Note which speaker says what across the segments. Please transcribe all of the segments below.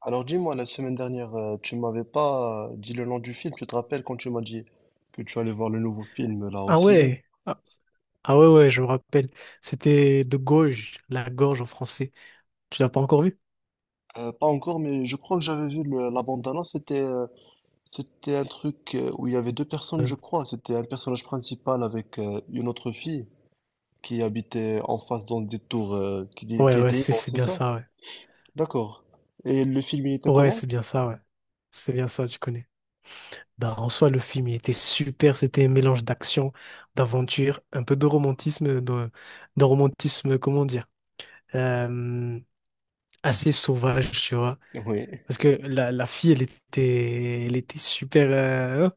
Speaker 1: Alors dis-moi, la semaine dernière, tu m'avais pas dit le nom du film, tu te rappelles quand tu m'as dit que tu allais voir le nouveau film là au
Speaker 2: Ah
Speaker 1: ciné?
Speaker 2: ouais, ah, ah ouais, ouais, je me rappelle. C'était de gorge, la gorge en français. Tu l'as pas encore vu?
Speaker 1: Pas encore, mais je crois que j'avais vu la bande-annonce, c'était c'était un truc où il y avait deux personnes,
Speaker 2: Euh,
Speaker 1: je crois. C'était un personnage principal avec une autre fille qui habitait en face dans des tours qui
Speaker 2: Ouais, ouais,
Speaker 1: étaient
Speaker 2: c'est
Speaker 1: immenses,
Speaker 2: c'est
Speaker 1: c'est
Speaker 2: bien
Speaker 1: ça?
Speaker 2: ça, ouais.
Speaker 1: D'accord. Et le film, il était
Speaker 2: Ouais,
Speaker 1: comment?
Speaker 2: c'est bien ça, ouais. C'est bien ça, tu connais. Bah, en soi, le film, il était super. C'était un mélange d'action, d'aventure, un peu de romantisme, de romantisme, comment dire, euh, assez sauvage, tu vois.
Speaker 1: Oui.
Speaker 2: Parce que la fille, elle était super.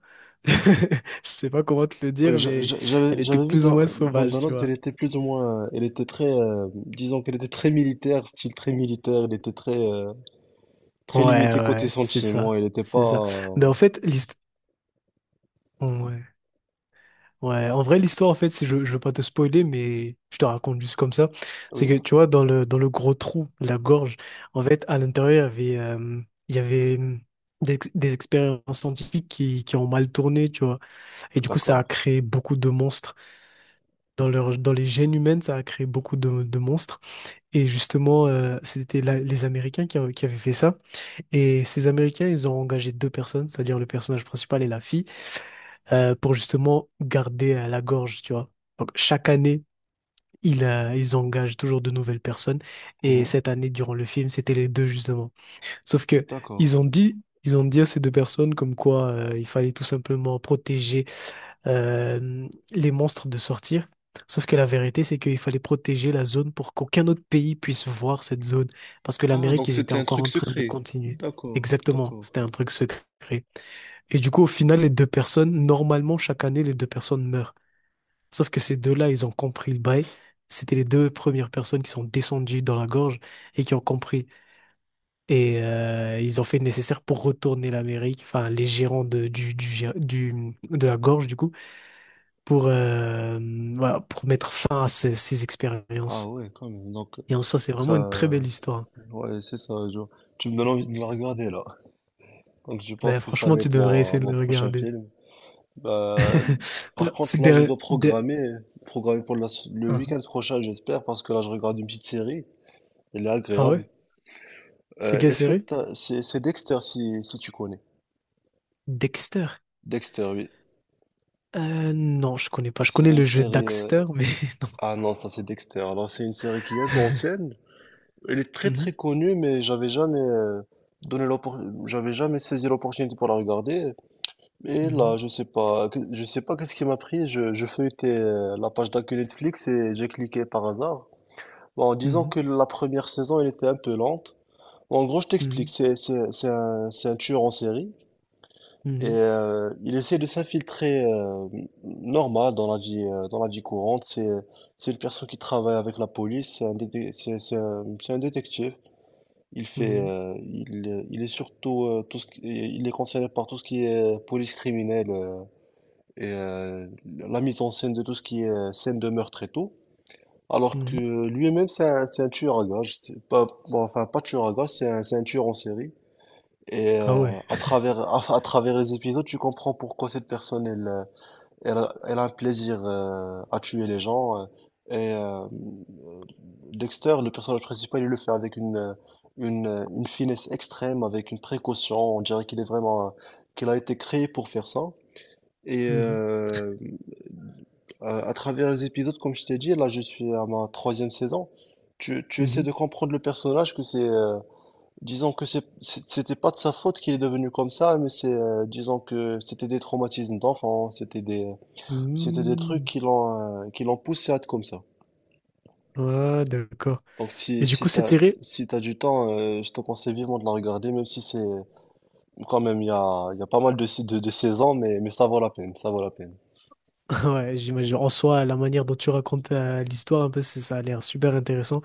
Speaker 2: Je sais pas comment te le dire,
Speaker 1: Oui,
Speaker 2: mais elle était
Speaker 1: j'avais vu
Speaker 2: plus ou
Speaker 1: dans
Speaker 2: moins sauvage, tu
Speaker 1: Bandanos, elle
Speaker 2: vois.
Speaker 1: était plus ou moins, elle était très, disons qu'elle était très militaire, style très militaire, elle était très, très
Speaker 2: Ouais,
Speaker 1: limitée côté
Speaker 2: ouais, c'est
Speaker 1: sentiments,
Speaker 2: ça,
Speaker 1: elle n'était
Speaker 2: c'est ça.
Speaker 1: pas.
Speaker 2: Mais
Speaker 1: euh,
Speaker 2: en fait, l'histoire. Ouais, ouais. En vrai, l'histoire, en fait, si je veux pas te spoiler, mais je te raconte juste comme ça, c'est que,
Speaker 1: Oui,
Speaker 2: tu vois, dans le gros trou, la gorge, en fait, à l'intérieur, il y avait des expériences scientifiques qui ont mal tourné, tu vois. Et du coup, ça a
Speaker 1: d'accord.
Speaker 2: créé beaucoup de monstres. Dans les gènes humaines, ça a créé beaucoup de monstres. Et justement, c'était les Américains qui avaient fait ça. Et ces Américains, ils ont engagé deux personnes, c'est-à-dire le personnage principal et la fille, pour justement garder à la gorge, tu vois. Donc chaque année, ils engagent toujours de nouvelles personnes. Et
Speaker 1: Mhm.
Speaker 2: cette année, durant le film, c'était les deux justement. Sauf que
Speaker 1: D'accord.
Speaker 2: ils ont dit à ces deux personnes comme quoi il fallait tout simplement protéger euh, les monstres de sortir. Sauf que la vérité, c'est qu'il fallait protéger la zone pour qu'aucun autre pays puisse voir cette zone. Parce que
Speaker 1: Ah,
Speaker 2: l'Amérique,
Speaker 1: donc
Speaker 2: ils étaient
Speaker 1: c'était un
Speaker 2: encore
Speaker 1: truc
Speaker 2: en train de
Speaker 1: secret.
Speaker 2: continuer.
Speaker 1: D'accord,
Speaker 2: Exactement,
Speaker 1: d'accord.
Speaker 2: c'était un truc secret. Et du coup, au final, les deux personnes, normalement, chaque année, les deux personnes meurent. Sauf que ces deux-là, ils ont compris le bail. C'était les deux premières personnes qui sont descendues dans la gorge et qui ont compris. Et ils ont fait le nécessaire pour retourner l'Amérique, enfin, les gérants de, du, gé- du- de la gorge, du coup pour, euh, voilà, pour mettre fin à ces
Speaker 1: Ah
Speaker 2: expériences.
Speaker 1: ouais, quand même. Donc
Speaker 2: Et en soi, c'est vraiment une très
Speaker 1: ça,
Speaker 2: belle histoire.
Speaker 1: ouais, c'est ça. Tu me donnes envie de la regarder là. Donc je pense
Speaker 2: Ben,
Speaker 1: que ça
Speaker 2: franchement,
Speaker 1: va
Speaker 2: tu
Speaker 1: être
Speaker 2: devrais
Speaker 1: mon,
Speaker 2: essayer de
Speaker 1: mon
Speaker 2: le
Speaker 1: prochain
Speaker 2: regarder.
Speaker 1: film. Bah,
Speaker 2: Toi,
Speaker 1: par contre,
Speaker 2: c'est
Speaker 1: là,
Speaker 2: des-
Speaker 1: programmer pour le
Speaker 2: Ah
Speaker 1: week-end prochain, j'espère, parce que là, je regarde une petite série. Elle est
Speaker 2: ah
Speaker 1: agréable.
Speaker 2: ouais? C'est quelle série?
Speaker 1: C'est Dexter, si, si tu connais.
Speaker 2: Dexter.
Speaker 1: Dexter, oui.
Speaker 2: Non, je connais pas. Je
Speaker 1: C'est
Speaker 2: connais
Speaker 1: une
Speaker 2: le jeu
Speaker 1: série.
Speaker 2: Daxter, mais.
Speaker 1: Ah non, ça, c'est Dexter. Alors, c'est une série qui est un peu ancienne. Elle est très, très
Speaker 2: Mhm,
Speaker 1: connue, mais j'avais jamais donné l'oppor- j'avais jamais saisi l'opportunité pour la regarder. Et là, je sais pas, je sais pas qu'est-ce qui m'a pris. Je feuilletais la page d'accueil Netflix et j'ai cliqué par hasard. Bon, disons
Speaker 2: mhm,
Speaker 1: que la première saison, elle était un peu lente. Bon, en gros, je t'explique,
Speaker 2: mhm,
Speaker 1: c'est un tueur en série et
Speaker 2: mhm,
Speaker 1: il essaie de s'infiltrer normal dans la vie courante. C'est une personne qui travaille avec la police, c'est un détective. Il fait
Speaker 2: mhm,
Speaker 1: il est surtout il est concerné par tout ce qui est police criminelle et la mise en scène de tout ce qui est scène de meurtre et tout. Alors
Speaker 2: mhm,
Speaker 1: que
Speaker 2: mhm.
Speaker 1: lui-même, c'est un tueur à gages. C'est pas, bon, enfin, pas tueur à gages, c'est un tueur en série. Et
Speaker 2: Ah ouais.
Speaker 1: à travers, à travers les épisodes, tu comprends pourquoi cette personne, elle elle a un plaisir à tuer les gens. Et euh, Dexter, le personnage principal, il le fait avec une finesse extrême, avec une précaution. On dirait qu'il est vraiment, qu'il a été créé pour faire ça. Et
Speaker 2: Mhm,
Speaker 1: euh, à travers les épisodes, comme je t'ai dit, là je suis à ma troisième saison. Tu essaies
Speaker 2: mhm,
Speaker 1: de comprendre le personnage que c'est, disons que c'était pas de sa faute qu'il est devenu comme ça, mais c'est, disons que c'était des traumatismes d'enfant, c'était des trucs
Speaker 2: mhm.
Speaker 1: qui l'ont poussé à être comme ça.
Speaker 2: Ah, d'accord.
Speaker 1: Donc si,
Speaker 2: Et du coup, cette série.
Speaker 1: si t'as du temps, je te conseille vivement de la regarder, même si c'est, quand même, il y a pas mal de, de saisons, mais ça vaut la peine, ça vaut la peine.
Speaker 2: Ouais, j'imagine. En soi, la manière dont tu racontes l'histoire, un peu, ça a l'air super intéressant.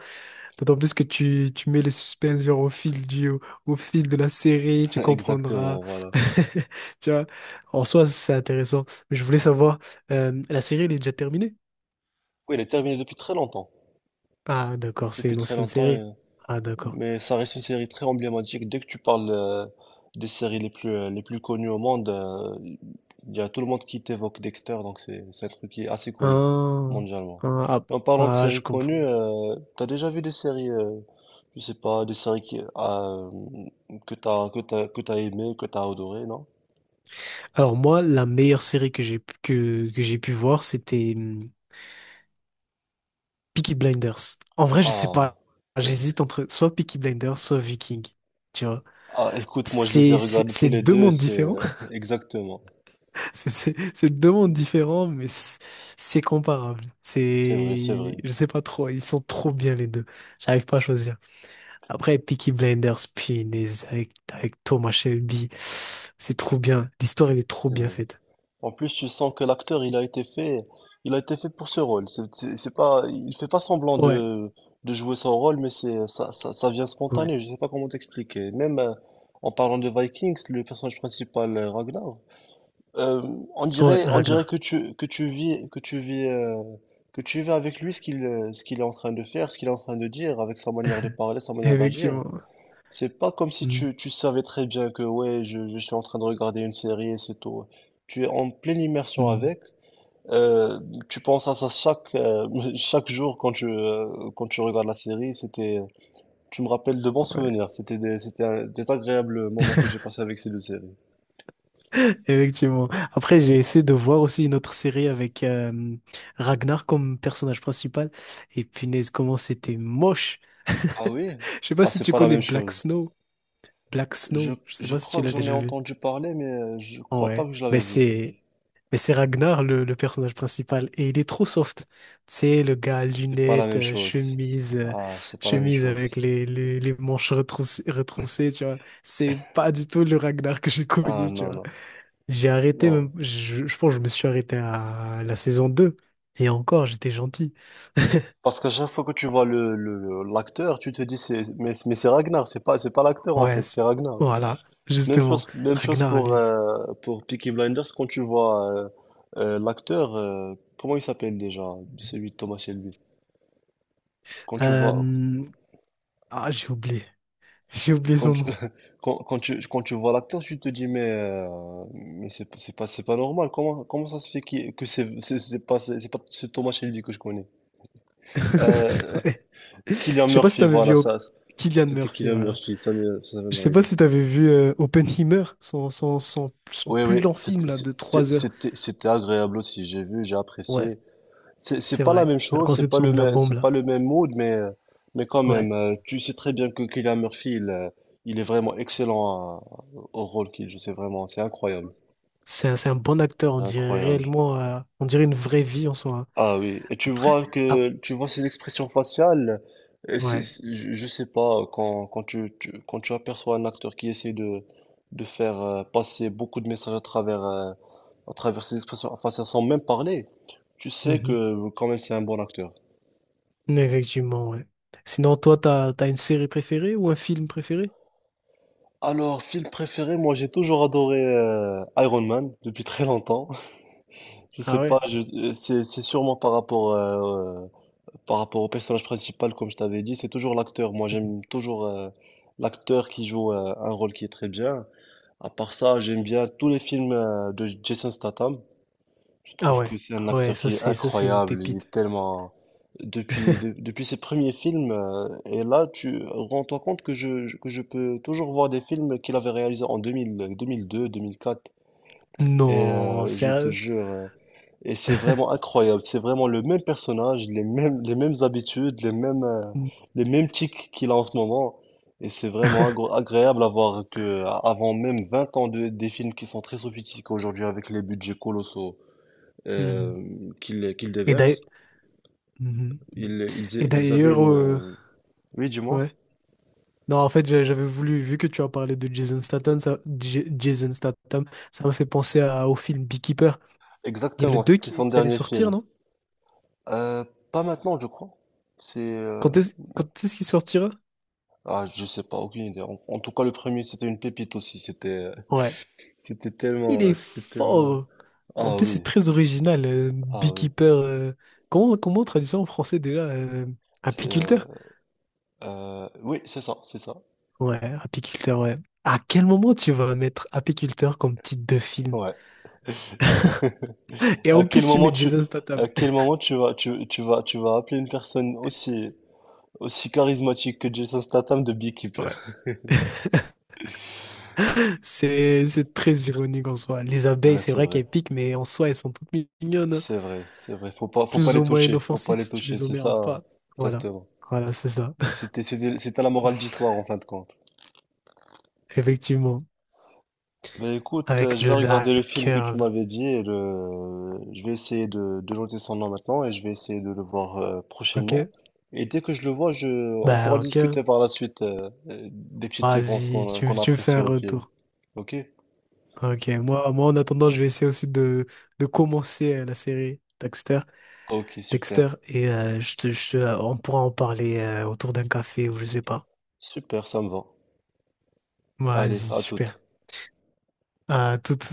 Speaker 2: D'autant plus que tu mets le suspense genre au fil du, au fil de la série, tu comprendras.
Speaker 1: Exactement, voilà.
Speaker 2: Tu vois, en soi, c'est intéressant. Mais je voulais savoir, la série, elle est déjà terminée?
Speaker 1: Oui, elle est terminée depuis très longtemps,
Speaker 2: Ah, d'accord, c'est
Speaker 1: depuis
Speaker 2: une
Speaker 1: très
Speaker 2: ancienne
Speaker 1: longtemps.
Speaker 2: série.
Speaker 1: et-
Speaker 2: Ah, d'accord.
Speaker 1: Mais ça reste une série très emblématique. Dès que tu parles des séries les plus connues au monde, il y a tout le monde qui t'évoque Dexter, donc c'est un truc qui est assez connu
Speaker 2: Ah,
Speaker 1: mondialement.
Speaker 2: ah, ah,
Speaker 1: Et en parlant de
Speaker 2: ah, je
Speaker 1: séries
Speaker 2: comprends.
Speaker 1: connues, t'as déjà vu des séries, je sais pas, des séries qui, ah, que t'as que t'as que t'as aimé, que t'as adoré, non?
Speaker 2: Alors moi, la meilleure série que j'ai pu voir, c'était Peaky Blinders. En vrai, je sais
Speaker 1: Ah,
Speaker 2: pas.
Speaker 1: oui.
Speaker 2: J'hésite entre soit Peaky Blinders, soit Viking. Tu vois.
Speaker 1: Ah, écoute, moi je les ai regardés tous
Speaker 2: C'est
Speaker 1: les
Speaker 2: deux
Speaker 1: deux, et
Speaker 2: mondes
Speaker 1: c'est
Speaker 2: différents.
Speaker 1: exactement.
Speaker 2: C'est deux mondes différents, mais c'est comparable.
Speaker 1: C'est vrai, c'est
Speaker 2: C'est.
Speaker 1: vrai,
Speaker 2: Je sais pas trop. Ils sont trop bien les deux. J'arrive pas à choisir. Après, Peaky Blinders, punaise, avec Thomas Shelby. C'est trop bien. L'histoire, elle est trop
Speaker 1: c'est
Speaker 2: bien
Speaker 1: vrai.
Speaker 2: faite.
Speaker 1: En plus, tu sens que l'acteur, il a été fait, il a été fait pour ce rôle. C'est pas, il fait pas semblant
Speaker 2: Ouais.
Speaker 1: de jouer son rôle, mais c'est, ça vient
Speaker 2: Ouais.
Speaker 1: spontané. Je sais pas comment t'expliquer. Même en parlant de Vikings, le personnage principal, Ragnar, euh,
Speaker 2: Ouais,
Speaker 1: on dirait que
Speaker 2: Ragnar.
Speaker 1: tu vis, que tu vis avec lui ce qu'il est en train de faire, ce qu'il est en train de dire, avec sa manière de parler, sa manière d'agir.
Speaker 2: Effectivement.
Speaker 1: C'est pas comme si
Speaker 2: Mm,
Speaker 1: tu, tu savais très bien que ouais, je suis en train de regarder une série et c'est tout. Tu es en pleine immersion
Speaker 2: mm,
Speaker 1: avec. euh, Tu penses à ça chaque, chaque jour quand tu regardes la série. C'était, tu me rappelles de bons souvenirs.
Speaker 2: ouais.
Speaker 1: C'était des, c'était un- Des agréables moments que j'ai passés avec ces deux séries.
Speaker 2: Effectivement. Après, j'ai essayé de voir aussi une autre série avec Ragnar comme personnage principal. Et punaise, comment c'était moche.
Speaker 1: Ah oui?
Speaker 2: Je sais pas
Speaker 1: Ah,
Speaker 2: si
Speaker 1: c'est
Speaker 2: tu
Speaker 1: pas la
Speaker 2: connais
Speaker 1: même
Speaker 2: Black
Speaker 1: chose.
Speaker 2: Snow. Black
Speaker 1: Je,
Speaker 2: Snow, je sais
Speaker 1: je
Speaker 2: pas si tu
Speaker 1: crois que
Speaker 2: l'as
Speaker 1: j'en ai
Speaker 2: déjà vu.
Speaker 1: entendu parler, mais je crois pas
Speaker 2: Ouais.
Speaker 1: que je
Speaker 2: Mais
Speaker 1: l'avais vu.
Speaker 2: c'est mais c'est Ragnar le personnage principal et il est trop soft. Tu sais, le gars à
Speaker 1: C'est pas la
Speaker 2: lunettes,
Speaker 1: même chose.
Speaker 2: chemise, euh,
Speaker 1: Ah, c'est pas la même
Speaker 2: chemise avec
Speaker 1: chose.
Speaker 2: les manches retroussées, tu vois. C'est pas du tout le Ragnar que j'ai
Speaker 1: Ah
Speaker 2: connu,
Speaker 1: non, non.
Speaker 2: j'ai arrêté,
Speaker 1: Non.
Speaker 2: je pense que je me suis arrêté à la saison 2. Et encore, j'étais gentil.
Speaker 1: Parce qu'à chaque fois que tu vois l'acteur, tu te dis c'est mais c'est Ragnar, c'est pas l'acteur en
Speaker 2: Ouais,
Speaker 1: fait, c'est Ragnar.
Speaker 2: voilà, justement.
Speaker 1: Même chose
Speaker 2: Ragnar, lui.
Speaker 1: pour Peaky Blinders quand tu vois l'acteur comment il s'appelle déjà celui de Thomas Shelby. Quand tu vois
Speaker 2: Euh, Ah, j'ai oublié. J'ai oublié
Speaker 1: quand
Speaker 2: son
Speaker 1: tu
Speaker 2: nom.
Speaker 1: quand tu vois l'acteur, tu te dis mais c'est pas normal. Comment ça se fait qu'il- que c'est pas ce Thomas Shelby que je connais. Euh,
Speaker 2: Ouais.
Speaker 1: Cillian
Speaker 2: Je sais pas si
Speaker 1: Murphy,
Speaker 2: t'avais vu
Speaker 1: voilà
Speaker 2: Op-
Speaker 1: ça.
Speaker 2: Cillian
Speaker 1: C'était
Speaker 2: Murphy,
Speaker 1: Cillian
Speaker 2: voilà.
Speaker 1: Murphy, ça
Speaker 2: Je
Speaker 1: m'est
Speaker 2: sais pas
Speaker 1: arrivé.
Speaker 2: si t'avais vu Oppenheimer, son
Speaker 1: Oui,
Speaker 2: plus
Speaker 1: oui,
Speaker 2: long film,
Speaker 1: c'était
Speaker 2: là, de
Speaker 1: c'est-
Speaker 2: 3 heures.
Speaker 1: c'était- c'était agréable aussi. J'ai vu, j'ai
Speaker 2: Ouais,
Speaker 1: apprécié. C'est
Speaker 2: c'est
Speaker 1: pas la
Speaker 2: vrai.
Speaker 1: même
Speaker 2: La
Speaker 1: chose, c'est pas
Speaker 2: conception
Speaker 1: le
Speaker 2: de la
Speaker 1: même,
Speaker 2: bombe,
Speaker 1: c'est pas
Speaker 2: là.
Speaker 1: le même mood, mais quand
Speaker 2: Ouais.
Speaker 1: même, tu sais très bien que Cillian Murphy, il est vraiment excellent au rôle qu'il joue. C'est vraiment, c'est incroyable,
Speaker 2: C'est un bon acteur, on dirait
Speaker 1: incroyable.
Speaker 2: réellement, on dirait une vraie vie en soi.
Speaker 1: Ah oui, et
Speaker 2: Après, ah,
Speaker 1: tu vois ses expressions faciales. Et
Speaker 2: ouais.
Speaker 1: je sais pas quand tu aperçois un acteur qui essaie de faire passer beaucoup de messages à travers ses expressions faciales sans même parler. Tu sais
Speaker 2: Mhm.
Speaker 1: que quand même c'est un bon acteur.
Speaker 2: Effectivement, ouais. Sinon, toi, t'as, une série préférée ou un film préféré?
Speaker 1: Alors, film préféré, moi j'ai toujours adoré Iron Man depuis très longtemps. Je sais
Speaker 2: Ah ouais?
Speaker 1: pas, c'est sûrement par rapport au personnage principal comme je t'avais dit, c'est toujours l'acteur. Moi
Speaker 2: Mhm.
Speaker 1: j'aime toujours l'acteur qui joue un rôle qui est très bien. À part ça, j'aime bien tous les films de Jason Statham. Je
Speaker 2: Ah
Speaker 1: trouve que
Speaker 2: ouais.
Speaker 1: c'est un
Speaker 2: Ah ouais,
Speaker 1: acteur
Speaker 2: ça
Speaker 1: qui est
Speaker 2: c'est ça c'est une
Speaker 1: incroyable. Il est
Speaker 2: pépite.
Speaker 1: tellement. Depuis, depuis ses premiers films, et là, tu rends-toi compte que que je peux toujours voir des films qu'il avait réalisés en 2000, 2002, 2004. Et
Speaker 2: Non,
Speaker 1: je te
Speaker 2: sérieux?
Speaker 1: jure, et c'est vraiment incroyable. C'est vraiment le même personnage, les mêmes habitudes,
Speaker 2: Mhm.
Speaker 1: les mêmes tics qu'il a en ce moment. Et c'est vraiment agréable à voir que, avant même 20 ans de, des films qui sont très sophistiqués aujourd'hui avec les budgets colossaux
Speaker 2: Mhm.
Speaker 1: qu'il
Speaker 2: Et d'ailleurs.
Speaker 1: déverse.
Speaker 2: Mhm. Et
Speaker 1: Ils avaient
Speaker 2: d'ailleurs,
Speaker 1: une... euh, Oui, du moins.
Speaker 2: ouais. Non, en fait, j'avais voulu, vu que tu as parlé de Jason Statham, ça, Jason Statham, ça m'a fait penser au film Beekeeper. Il y a le
Speaker 1: Exactement,
Speaker 2: 2
Speaker 1: c'était
Speaker 2: qui,
Speaker 1: son
Speaker 2: qui allait
Speaker 1: dernier
Speaker 2: sortir,
Speaker 1: film.
Speaker 2: non?
Speaker 1: Euh, pas maintenant, je crois. C'est... euh,
Speaker 2: Quand est-ce qu'il sortira?
Speaker 1: Ah, je sais pas, aucune idée. En, en tout cas, le premier, c'était une pépite aussi.
Speaker 2: Ouais. Il est
Speaker 1: C'était tellement...
Speaker 2: fort. En
Speaker 1: Ah
Speaker 2: plus, c'est
Speaker 1: oui,
Speaker 2: très original.
Speaker 1: ah oui.
Speaker 2: Beekeeper. Comment on traduit ça en français déjà?
Speaker 1: C'est... euh,
Speaker 2: Apiculteur?
Speaker 1: Oui, c'est ça, c'est ça.
Speaker 2: Ouais, apiculteur, ouais. À quel moment tu vas mettre apiculteur comme titre de film?
Speaker 1: Ouais.
Speaker 2: Et en
Speaker 1: À quel
Speaker 2: plus, tu
Speaker 1: moment
Speaker 2: mets
Speaker 1: tu,
Speaker 2: Jason Statham.
Speaker 1: à quel moment tu vas appeler une personne aussi, aussi charismatique que Jason Statham de Beekeeper?
Speaker 2: Ouais. C'est très ironique en soi. Les abeilles,
Speaker 1: Ouais,
Speaker 2: c'est
Speaker 1: c'est
Speaker 2: vrai
Speaker 1: vrai.
Speaker 2: qu'elles piquent, mais en soi, elles sont toutes mignonnes, hein.
Speaker 1: C'est vrai, c'est vrai. Faut pas
Speaker 2: Plus
Speaker 1: les
Speaker 2: ou moins
Speaker 1: toucher. Faut pas
Speaker 2: inoffensives
Speaker 1: les
Speaker 2: si tu
Speaker 1: toucher.
Speaker 2: les
Speaker 1: C'est
Speaker 2: emmerdes
Speaker 1: ça,
Speaker 2: pas. Voilà.
Speaker 1: exactement.
Speaker 2: Voilà, c'est ça.
Speaker 1: Et c'était, c'était, c'était la morale d'histoire en fin de compte.
Speaker 2: Effectivement.
Speaker 1: Mais écoute,
Speaker 2: Avec
Speaker 1: je vais
Speaker 2: le
Speaker 1: regarder le film que
Speaker 2: hacker,
Speaker 1: tu
Speaker 2: là.
Speaker 1: m'avais dit et le... je vais essayer de noter son nom maintenant et je vais essayer de le voir prochainement.
Speaker 2: Ok?
Speaker 1: Et dès que je le vois, je... on pourra
Speaker 2: Bah,
Speaker 1: discuter
Speaker 2: ok.
Speaker 1: par la suite des petites séquences
Speaker 2: Vas-y,
Speaker 1: qu'on a
Speaker 2: tu me fais
Speaker 1: appréciées
Speaker 2: un
Speaker 1: au film.
Speaker 2: retour.
Speaker 1: Ok?
Speaker 2: Ok, moi en attendant, je vais essayer aussi de commencer la série Dexter,
Speaker 1: Ok, super.
Speaker 2: Dexter, et on pourra en parler autour d'un café ou je sais pas.
Speaker 1: Super, ça me va. Allez,
Speaker 2: Vas-y,
Speaker 1: à
Speaker 2: super.
Speaker 1: toute.
Speaker 2: À toute.